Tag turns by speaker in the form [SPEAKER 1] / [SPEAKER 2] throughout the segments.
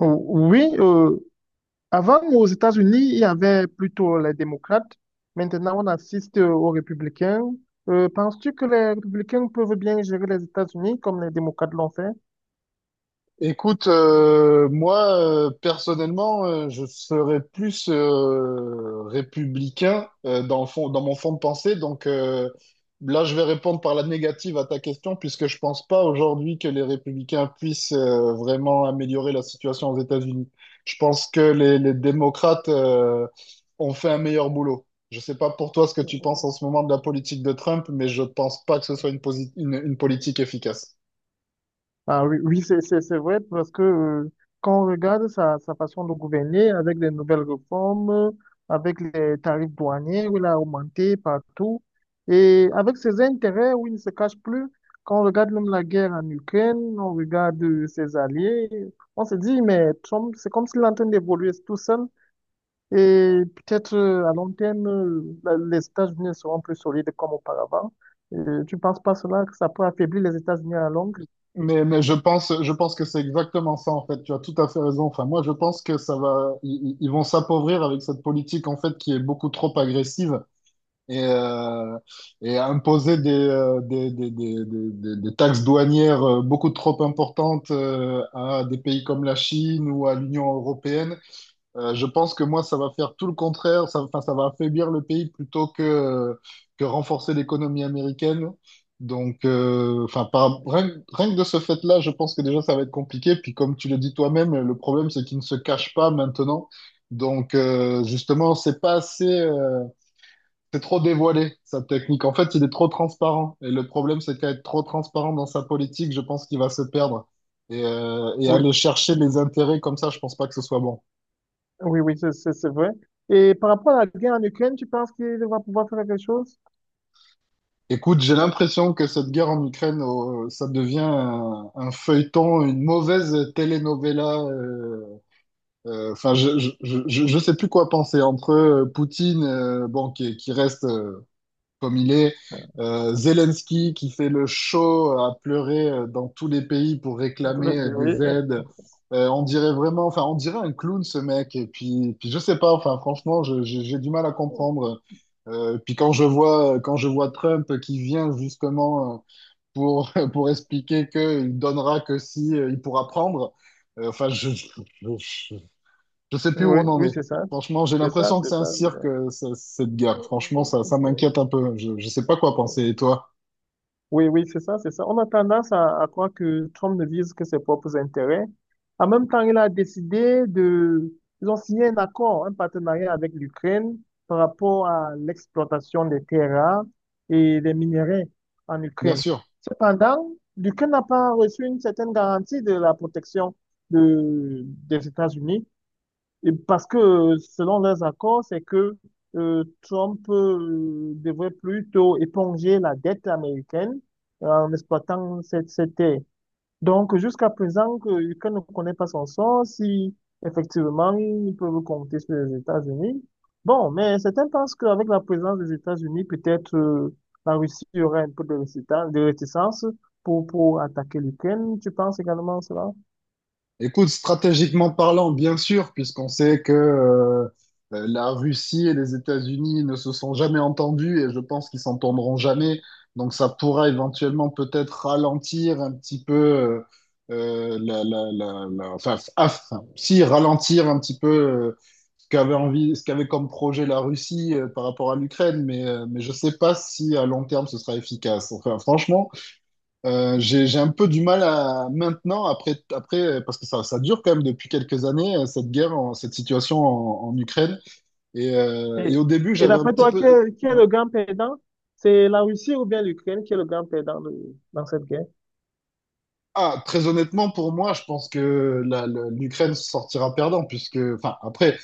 [SPEAKER 1] Ou- Oui, euh, Avant aux États-Unis, il y avait plutôt les démocrates. Maintenant, on assiste aux républicains. Penses-tu que les républicains peuvent bien gérer les États-Unis comme les démocrates l'ont fait?
[SPEAKER 2] Écoute, moi, personnellement, je serais plus républicain dans le fond, dans mon fond de pensée. Donc là, je vais répondre par la négative à ta question, puisque je pense pas aujourd'hui que les républicains puissent vraiment améliorer la situation aux États-Unis. Je pense que les démocrates ont fait un meilleur boulot. Je sais pas pour toi ce que tu penses en ce moment de la politique de Trump, mais je pense pas que ce soit une, posi- une politique efficace.
[SPEAKER 1] Ah oui, oui, c'est vrai parce que quand on regarde sa façon de gouverner avec les nouvelles réformes, avec les tarifs douaniers où il a augmenté partout et avec ses intérêts où il ne se cache plus, quand on regarde même la guerre en Ukraine, on regarde ses alliés, on se dit, mais Trump, c'est comme s'il est en train d'évoluer tout seul et peut-être à long terme, les États-Unis seront plus solides comme auparavant. Tu ne penses pas cela, que ça peut affaiblir les États-Unis à la longue?
[SPEAKER 2] Mais je pense que c'est exactement ça, en fait. Tu as tout à fait raison. Enfin, moi, je pense que ça va, ils vont s'appauvrir avec cette politique, en fait, qui est beaucoup trop agressive et, euh, et imposer des taxes douanières beaucoup trop importantes à des pays comme la Chine ou à l'Union européenne. Je pense que moi, ça va faire tout le contraire. Ça, enfin, ça va affaiblir le pays plutôt que que renforcer l'économie américaine. Donc, enfin, par, rien, que rien que de ce fait-là, je pense que déjà, ça va être compliqué. Puis, comme tu le dis toi-même, le problème, c'est qu'ils ne se cachent pas maintenant. Donc, justement, c'est pas assez, c'est trop dévoilé, sa technique. En fait, il est trop transparent. Et le problème, c'est qu'à être trop transparent dans sa politique, je pense qu'il va se perdre. Et et
[SPEAKER 1] Oui.
[SPEAKER 2] aller chercher les intérêts comme ça, je pense pas que ce soit bon.
[SPEAKER 1] Oui, oui, c'est vrai. Et par rapport à la guerre en Ukraine, tu penses qu'il va pouvoir faire quelque chose?
[SPEAKER 2] Écoute, j'ai l'impression que cette guerre en Ukraine, ça devient un feuilleton, une mauvaise telenovela. Enfin, je sais plus quoi penser entre Poutine, bon, qui reste, comme il est. Zelensky qui fait le show à pleurer dans tous les pays pour
[SPEAKER 1] Entre
[SPEAKER 2] réclamer
[SPEAKER 1] les
[SPEAKER 2] des
[SPEAKER 1] deux,
[SPEAKER 2] aides. On dirait vraiment, enfin, on dirait un clown ce mec. Et puis, puis je sais pas, enfin, franchement, j'ai du mal à
[SPEAKER 1] oui,
[SPEAKER 2] comprendre. Puis quand je vois Trump qui vient justement pour, pour expliquer qu'il donnera que si il pourra prendre, enfin, je, je sais plus où
[SPEAKER 1] oui,
[SPEAKER 2] on en
[SPEAKER 1] oui,
[SPEAKER 2] est.
[SPEAKER 1] c'est ça.
[SPEAKER 2] Franchement, j'ai
[SPEAKER 1] C'est ça,
[SPEAKER 2] l'impression que
[SPEAKER 1] c'est
[SPEAKER 2] c'est un
[SPEAKER 1] ça, c'est
[SPEAKER 2] cirque, cette guerre. Franchement, ça m'inquiète un peu. Je sais pas quoi
[SPEAKER 1] ça.
[SPEAKER 2] penser. Et toi?
[SPEAKER 1] Oui, oui, c'est ça, c'est ça. On a tendance à croire que Trump ne vise que ses propres intérêts. En même temps, il a décidé de... Ils ont signé un accord, un partenariat avec l'Ukraine par rapport à l'exploitation des terres rares et des minerais en
[SPEAKER 2] Bien
[SPEAKER 1] Ukraine.
[SPEAKER 2] sûr.
[SPEAKER 1] Cependant, l'Ukraine n'a pas reçu une certaine garantie de la protection de, des États-Unis. Et parce que selon leurs accords, c'est que Trump devrait plutôt éponger la dette américaine en exploitant cette terre. Donc, jusqu'à présent, que l'Ukraine ne connaît pas son sort, si effectivement ils peuvent compter sur les États-Unis. Bon, mais certains pensent qu'avec la présence des États-Unis, peut-être la Russie aurait un peu de réticence pour attaquer l'Ukraine. Tu penses également à cela?
[SPEAKER 2] Écoute, stratégiquement parlant, bien sûr, puisqu'on sait que la Russie et les États-Unis ne se sont jamais entendus et je pense qu'ils s'entendront jamais. Donc ça pourra éventuellement peut-être ralentir un petit peu, enfin, aff- si ralentir un petit peu ce qu'avait envie, ce qu'avait comme projet la Russie par rapport à l'Ukraine, mais je sais pas si à long terme ce sera efficace. Enfin, franchement. J'ai un peu du mal à maintenant, après, parce que ça dure quand même depuis quelques années, cette guerre, en- cette situation en, en Ukraine. Et et
[SPEAKER 1] Et,
[SPEAKER 2] au début,
[SPEAKER 1] et
[SPEAKER 2] j'avais un
[SPEAKER 1] d'après
[SPEAKER 2] petit
[SPEAKER 1] toi,
[SPEAKER 2] peu...
[SPEAKER 1] qui est
[SPEAKER 2] ouais.
[SPEAKER 1] le grand perdant? C'est la Russie ou bien l'Ukraine qui est le grand perdant dans cette guerre?
[SPEAKER 2] Ah, très honnêtement, pour moi, je pense que l'Ukraine sortira perdant, puisque, enfin, après,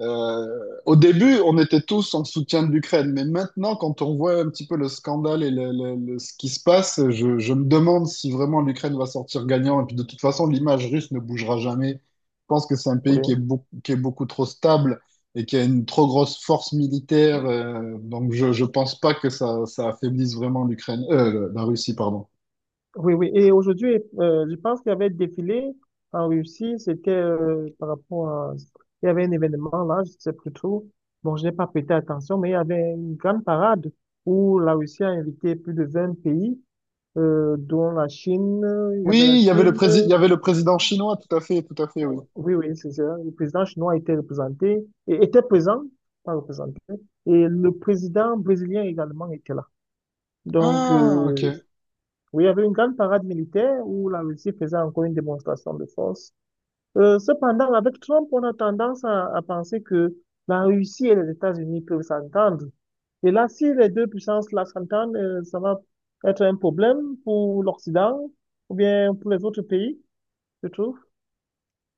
[SPEAKER 2] Euh, au début, on était tous en soutien de l'Ukraine, mais maintenant, quand on voit un petit peu le scandale et ce qui se passe, je me demande si vraiment l'Ukraine va sortir gagnant. Et puis de toute façon, l'image russe ne bougera jamais. Je pense que c'est un pays qui est,
[SPEAKER 1] Oui,
[SPEAKER 2] beau- qui est beaucoup trop stable et qui a une trop grosse force militaire. Donc je ne pense pas que ça affaiblisse vraiment l'Ukraine, la Russie, pardon.
[SPEAKER 1] oui, oui. Et aujourd'hui, je pense qu'il y avait défilé en Russie. C'était par rapport à... Il y avait un événement là, je ne sais plus trop. Bon, je n'ai pas prêté attention, mais il y avait une grande parade où la Russie a invité plus de 20 pays, dont la Chine. Il y avait la
[SPEAKER 2] Oui, il y avait le
[SPEAKER 1] Chine.
[SPEAKER 2] prési- il y avait le président chinois, tout à fait, oui.
[SPEAKER 1] Oui, oui, c'est ça. Le président chinois était représenté, et était présent, pas représenté, et le président brésilien également était là. Donc,
[SPEAKER 2] Ah, ok.
[SPEAKER 1] oui, il y avait une grande parade militaire où la Russie faisait encore une démonstration de force. Cependant, avec Trump, on a tendance à penser que la Russie et les États-Unis peuvent s'entendre. Et là, si les deux puissances-là s'entendent, ça va être un problème pour l'Occident ou bien pour les autres pays, je trouve.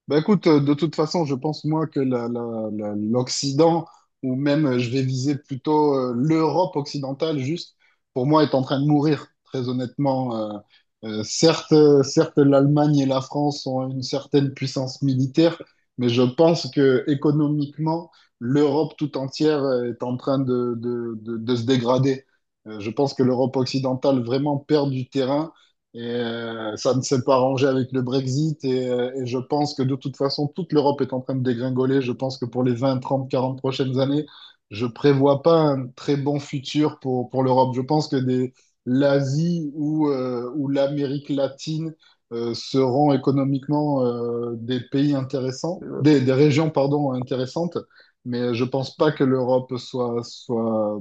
[SPEAKER 2] Bah écoute, de toute façon, je pense moi que l'Occident, ou même je vais viser plutôt l'Europe occidentale, juste, pour moi, est en train de mourir, très honnêtement. Certes, certes, l'Allemagne et la France ont une certaine puissance militaire, mais je pense que économiquement, l'Europe tout entière est en train de, de se dégrader. Je pense que l'Europe occidentale vraiment perd du terrain. Et ça ne s'est pas arrangé avec le Brexit. Et et je pense que de toute façon, toute l'Europe est en train de dégringoler. Je pense que pour les 20, 30, 40 prochaines années, je prévois pas un très bon futur pour l'Europe. Je pense que des, l'Asie ou l'Amérique latine seront économiquement des pays intéressants,
[SPEAKER 1] Euh,
[SPEAKER 2] des régions, pardon, intéressantes. Mais je pense pas
[SPEAKER 1] bon.
[SPEAKER 2] que l'Europe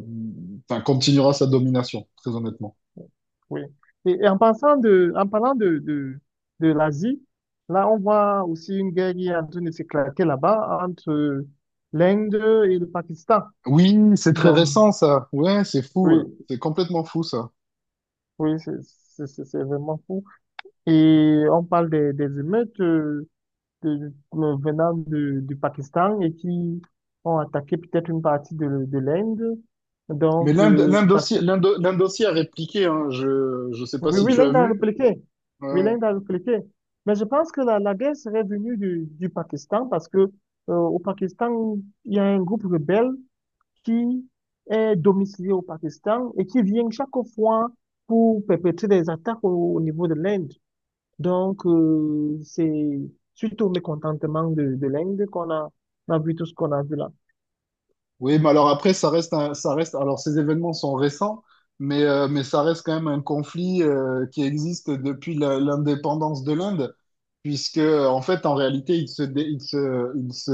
[SPEAKER 2] enfin, continuera sa domination, très honnêtement.
[SPEAKER 1] Oui. Et en en parlant de l'Asie, là, on voit aussi une guerre qui est en train de s'éclater là-bas entre l'Inde et le Pakistan.
[SPEAKER 2] Oui, c'est très
[SPEAKER 1] Donc,
[SPEAKER 2] récent ça. Ouais, c'est fou.
[SPEAKER 1] oui,
[SPEAKER 2] C'est complètement fou ça.
[SPEAKER 1] oui, c'est vraiment fou. Et on parle des émeutes venant du Pakistan et qui ont attaqué peut-être une partie de l'Inde.
[SPEAKER 2] Mais
[SPEAKER 1] Donc,
[SPEAKER 2] l'Inde l'Inde
[SPEAKER 1] parce
[SPEAKER 2] aussi,
[SPEAKER 1] que
[SPEAKER 2] l'Inde aussi a répliqué. Hein. Je sais pas
[SPEAKER 1] oui,
[SPEAKER 2] si
[SPEAKER 1] oui,
[SPEAKER 2] tu as
[SPEAKER 1] l'Inde a
[SPEAKER 2] vu.
[SPEAKER 1] répliqué. Oui,
[SPEAKER 2] Ouais.
[SPEAKER 1] l'Inde a répliqué. Mais je pense que la guerre serait venue du Pakistan parce que au Pakistan, il y a un groupe rebelle qui est domicilié au Pakistan et qui vient chaque fois pour perpétrer des attaques au niveau de l'Inde. Donc, c'est suite au mécontentement de l'Inde on a vu tout ce qu'on a vu là.
[SPEAKER 2] Oui, mais alors après ça reste un- ça reste. Alors ces événements sont récents, mais ça reste quand même un conflit qui existe depuis la- l'indépendance de l'Inde. Puisque en fait, en réalité, ils se, dé- ils se,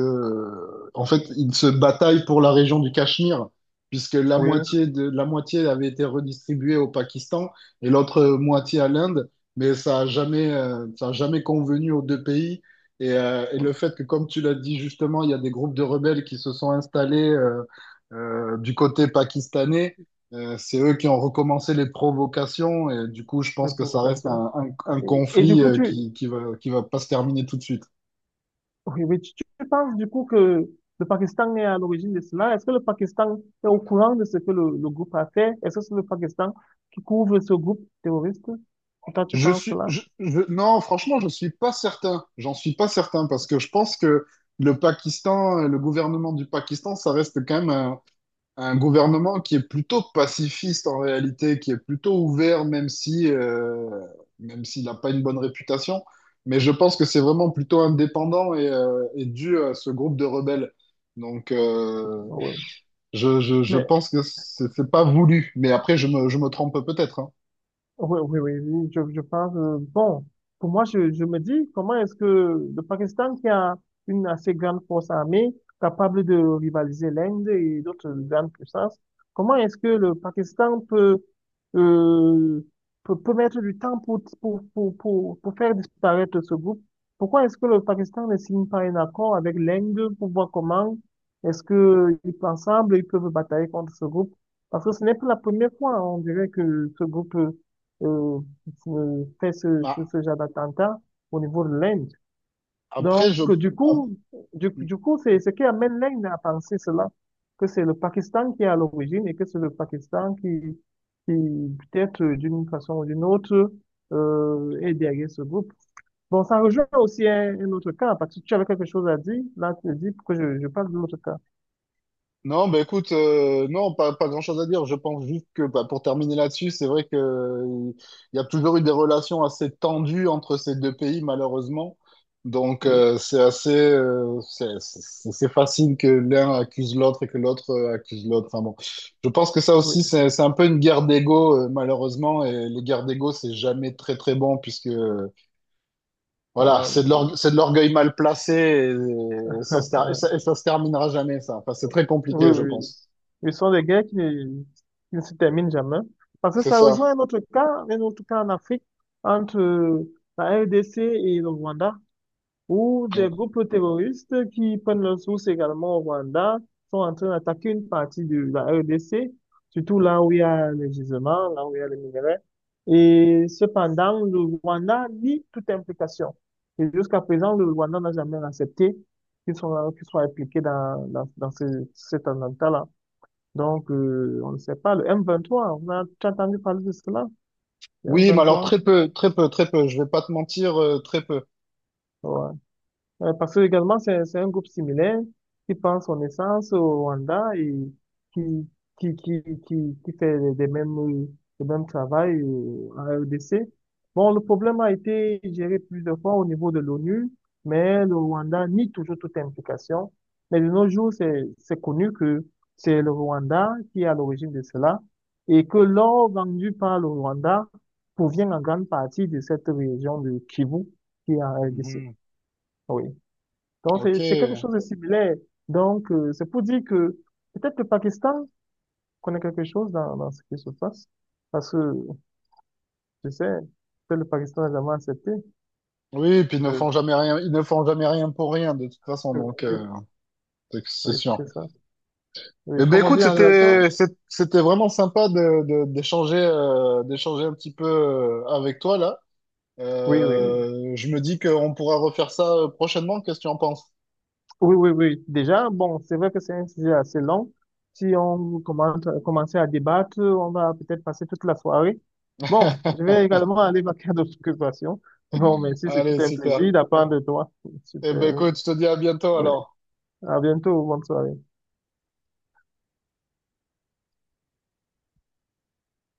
[SPEAKER 2] en fait, ils se bataillent pour la région du Cachemire, puisque la
[SPEAKER 1] Oui.
[SPEAKER 2] moitié de la moitié avait été redistribuée au Pakistan et l'autre moitié à l'Inde, mais ça a jamais convenu aux deux pays. Et et le fait que, comme tu l'as dit justement, il y a des groupes de rebelles qui se sont installés du côté pakistanais. C'est eux qui ont recommencé les provocations et du coup, je
[SPEAKER 1] Les
[SPEAKER 2] pense que ça reste
[SPEAKER 1] provocations.
[SPEAKER 2] un
[SPEAKER 1] Et, et du
[SPEAKER 2] conflit
[SPEAKER 1] coup, tu,
[SPEAKER 2] qui, qui va pas se terminer tout de suite.
[SPEAKER 1] Oui, mais tu penses du coup que le Pakistan est à l'origine de cela? Est-ce que le Pakistan est au courant de ce que le groupe a fait? Est-ce que c'est le Pakistan qui couvre ce groupe terroriste? Toi, tu
[SPEAKER 2] Je
[SPEAKER 1] penses
[SPEAKER 2] suis,
[SPEAKER 1] cela?
[SPEAKER 2] je- non, franchement, je suis pas certain. J'en suis pas certain parce que je pense que le Pakistan, le gouvernement du Pakistan, ça reste quand même un gouvernement qui est plutôt pacifiste en réalité, qui est plutôt ouvert, même si, même s'il n'a pas une bonne réputation. Mais je pense que c'est vraiment plutôt indépendant et dû à ce groupe de rebelles. Donc,
[SPEAKER 1] Oui.
[SPEAKER 2] je
[SPEAKER 1] Mais
[SPEAKER 2] pense que c'est pas voulu. Mais après, je me trompe peut-être. Hein.
[SPEAKER 1] oui, oui, oui, oui, je pense. Euh, bon, pour moi, je me dis, comment est-ce que le Pakistan, qui a une assez grande force armée, capable de rivaliser l'Inde et d'autres grandes puissances, comment est-ce que le Pakistan peut, euh, peut mettre du temps pour faire disparaître ce groupe? Pourquoi est-ce que le Pakistan ne signe pas un accord avec l'Inde pour voir comment est-ce que ils peuvent ensemble, ils peuvent batailler contre ce groupe? Parce que ce n'est pas la première fois, on dirait que ce groupe euh, fait
[SPEAKER 2] Ah,
[SPEAKER 1] ce genre d'attentat au niveau de l'Inde.
[SPEAKER 2] Après,
[SPEAKER 1] Donc,
[SPEAKER 2] je,
[SPEAKER 1] du coup, du coup, c'est ce qui amène l'Inde à penser cela, que c'est le Pakistan qui est à l'origine et que c'est le Pakistan qui peut-être d'une façon ou d'une autre, est derrière ce groupe. Bon, ça rejoint aussi un autre cas, parce que tu avais quelque chose à dire, là, tu dis pourquoi je parle de l'autre cas.
[SPEAKER 2] non, bah écoute, non, pas grand-chose à dire. Je pense juste que bah, pour terminer là-dessus, c'est vrai que il y a toujours eu des relations assez tendues entre ces deux pays, malheureusement. Donc
[SPEAKER 1] Oui,
[SPEAKER 2] c'est assez, c'est facile que l'un accuse l'autre et que l'autre accuse l'autre. Enfin bon, je pense que ça aussi,
[SPEAKER 1] oui.
[SPEAKER 2] c'est un peu une guerre d'ego, malheureusement. Et les guerres d'ego, c'est jamais très très bon puisque voilà,
[SPEAKER 1] Euh,
[SPEAKER 2] c'est de l'orgue- c'est de l'orgueil mal placé et, ça se ter- et ça se terminera jamais ça. Enfin, c'est
[SPEAKER 1] oui,
[SPEAKER 2] très
[SPEAKER 1] oui,
[SPEAKER 2] compliqué, je
[SPEAKER 1] oui.
[SPEAKER 2] pense.
[SPEAKER 1] Ce sont des guerres qui ne se terminent jamais. Parce que
[SPEAKER 2] C'est
[SPEAKER 1] ça
[SPEAKER 2] ça.
[SPEAKER 1] rejoint un autre cas en Afrique, entre la RDC et le Rwanda où des
[SPEAKER 2] Ouais.
[SPEAKER 1] groupes terroristes qui prennent leurs sources également au Rwanda sont en train d'attaquer une partie de la RDC, surtout là où il y a les gisements, là où il y a les minerais. Et cependant, le Rwanda nie toute implication. Et jusqu'à présent, le Rwanda n'a jamais accepté qu'ils soient impliqués dans cet attentat-là. Donc, on ne sait pas. Le M23, on a, tu as entendu parler de cela? Le
[SPEAKER 2] Oui, mais alors
[SPEAKER 1] M23?
[SPEAKER 2] très peu, très peu, très peu. Je vais pas te mentir, très peu.
[SPEAKER 1] Parce que également, c'est un groupe similaire qui prend son essence au Rwanda et qui, qui fait les mêmes, le même travail à RDC. Bon, le problème a été géré plusieurs fois au niveau de l'ONU, mais le Rwanda nie toujours toute implication. Mais de nos jours, c'est connu que c'est le Rwanda qui est à l'origine de cela et que l'or vendu par le Rwanda provient en grande partie de cette région de Kivu qui est en RDC.
[SPEAKER 2] Mhm.
[SPEAKER 1] Oui. Donc,
[SPEAKER 2] Ok.
[SPEAKER 1] c'est quelque chose de similaire. Donc, c'est pour dire que peut-être le Pakistan connaît quelque chose dans ce qui se passe. Parce que, je sais, peut-être le Pakistan n'a jamais accepté.
[SPEAKER 2] Oui, et puis ils ne
[SPEAKER 1] Euh,
[SPEAKER 2] font jamais rien, ils ne font jamais rien pour rien de toute façon, donc
[SPEAKER 1] oui,
[SPEAKER 2] c'est
[SPEAKER 1] oui,
[SPEAKER 2] sûr.
[SPEAKER 1] c'est ça.
[SPEAKER 2] Eh
[SPEAKER 1] Oui,
[SPEAKER 2] ben
[SPEAKER 1] comme on
[SPEAKER 2] écoute,
[SPEAKER 1] dit en relation.
[SPEAKER 2] c'était vraiment sympa de d'échanger d'échanger un petit peu avec toi là.
[SPEAKER 1] Oui, oui, oui.
[SPEAKER 2] Je me dis qu'on pourra refaire ça prochainement. Qu'est-ce que tu en penses?
[SPEAKER 1] Oui, oui, oui. Déjà, bon, c'est vrai que c'est un sujet assez long. Si on commence à débattre, on va peut-être passer toute la soirée. Bon, je vais également aller vaquer à d'autres occupations. Bon, merci,
[SPEAKER 2] Allez,
[SPEAKER 1] c'était un
[SPEAKER 2] super.
[SPEAKER 1] plaisir d'apprendre de toi.
[SPEAKER 2] Eh ben
[SPEAKER 1] Super.
[SPEAKER 2] écoute, je te dis à bientôt
[SPEAKER 1] Oui.
[SPEAKER 2] alors.
[SPEAKER 1] À bientôt, bonne soirée.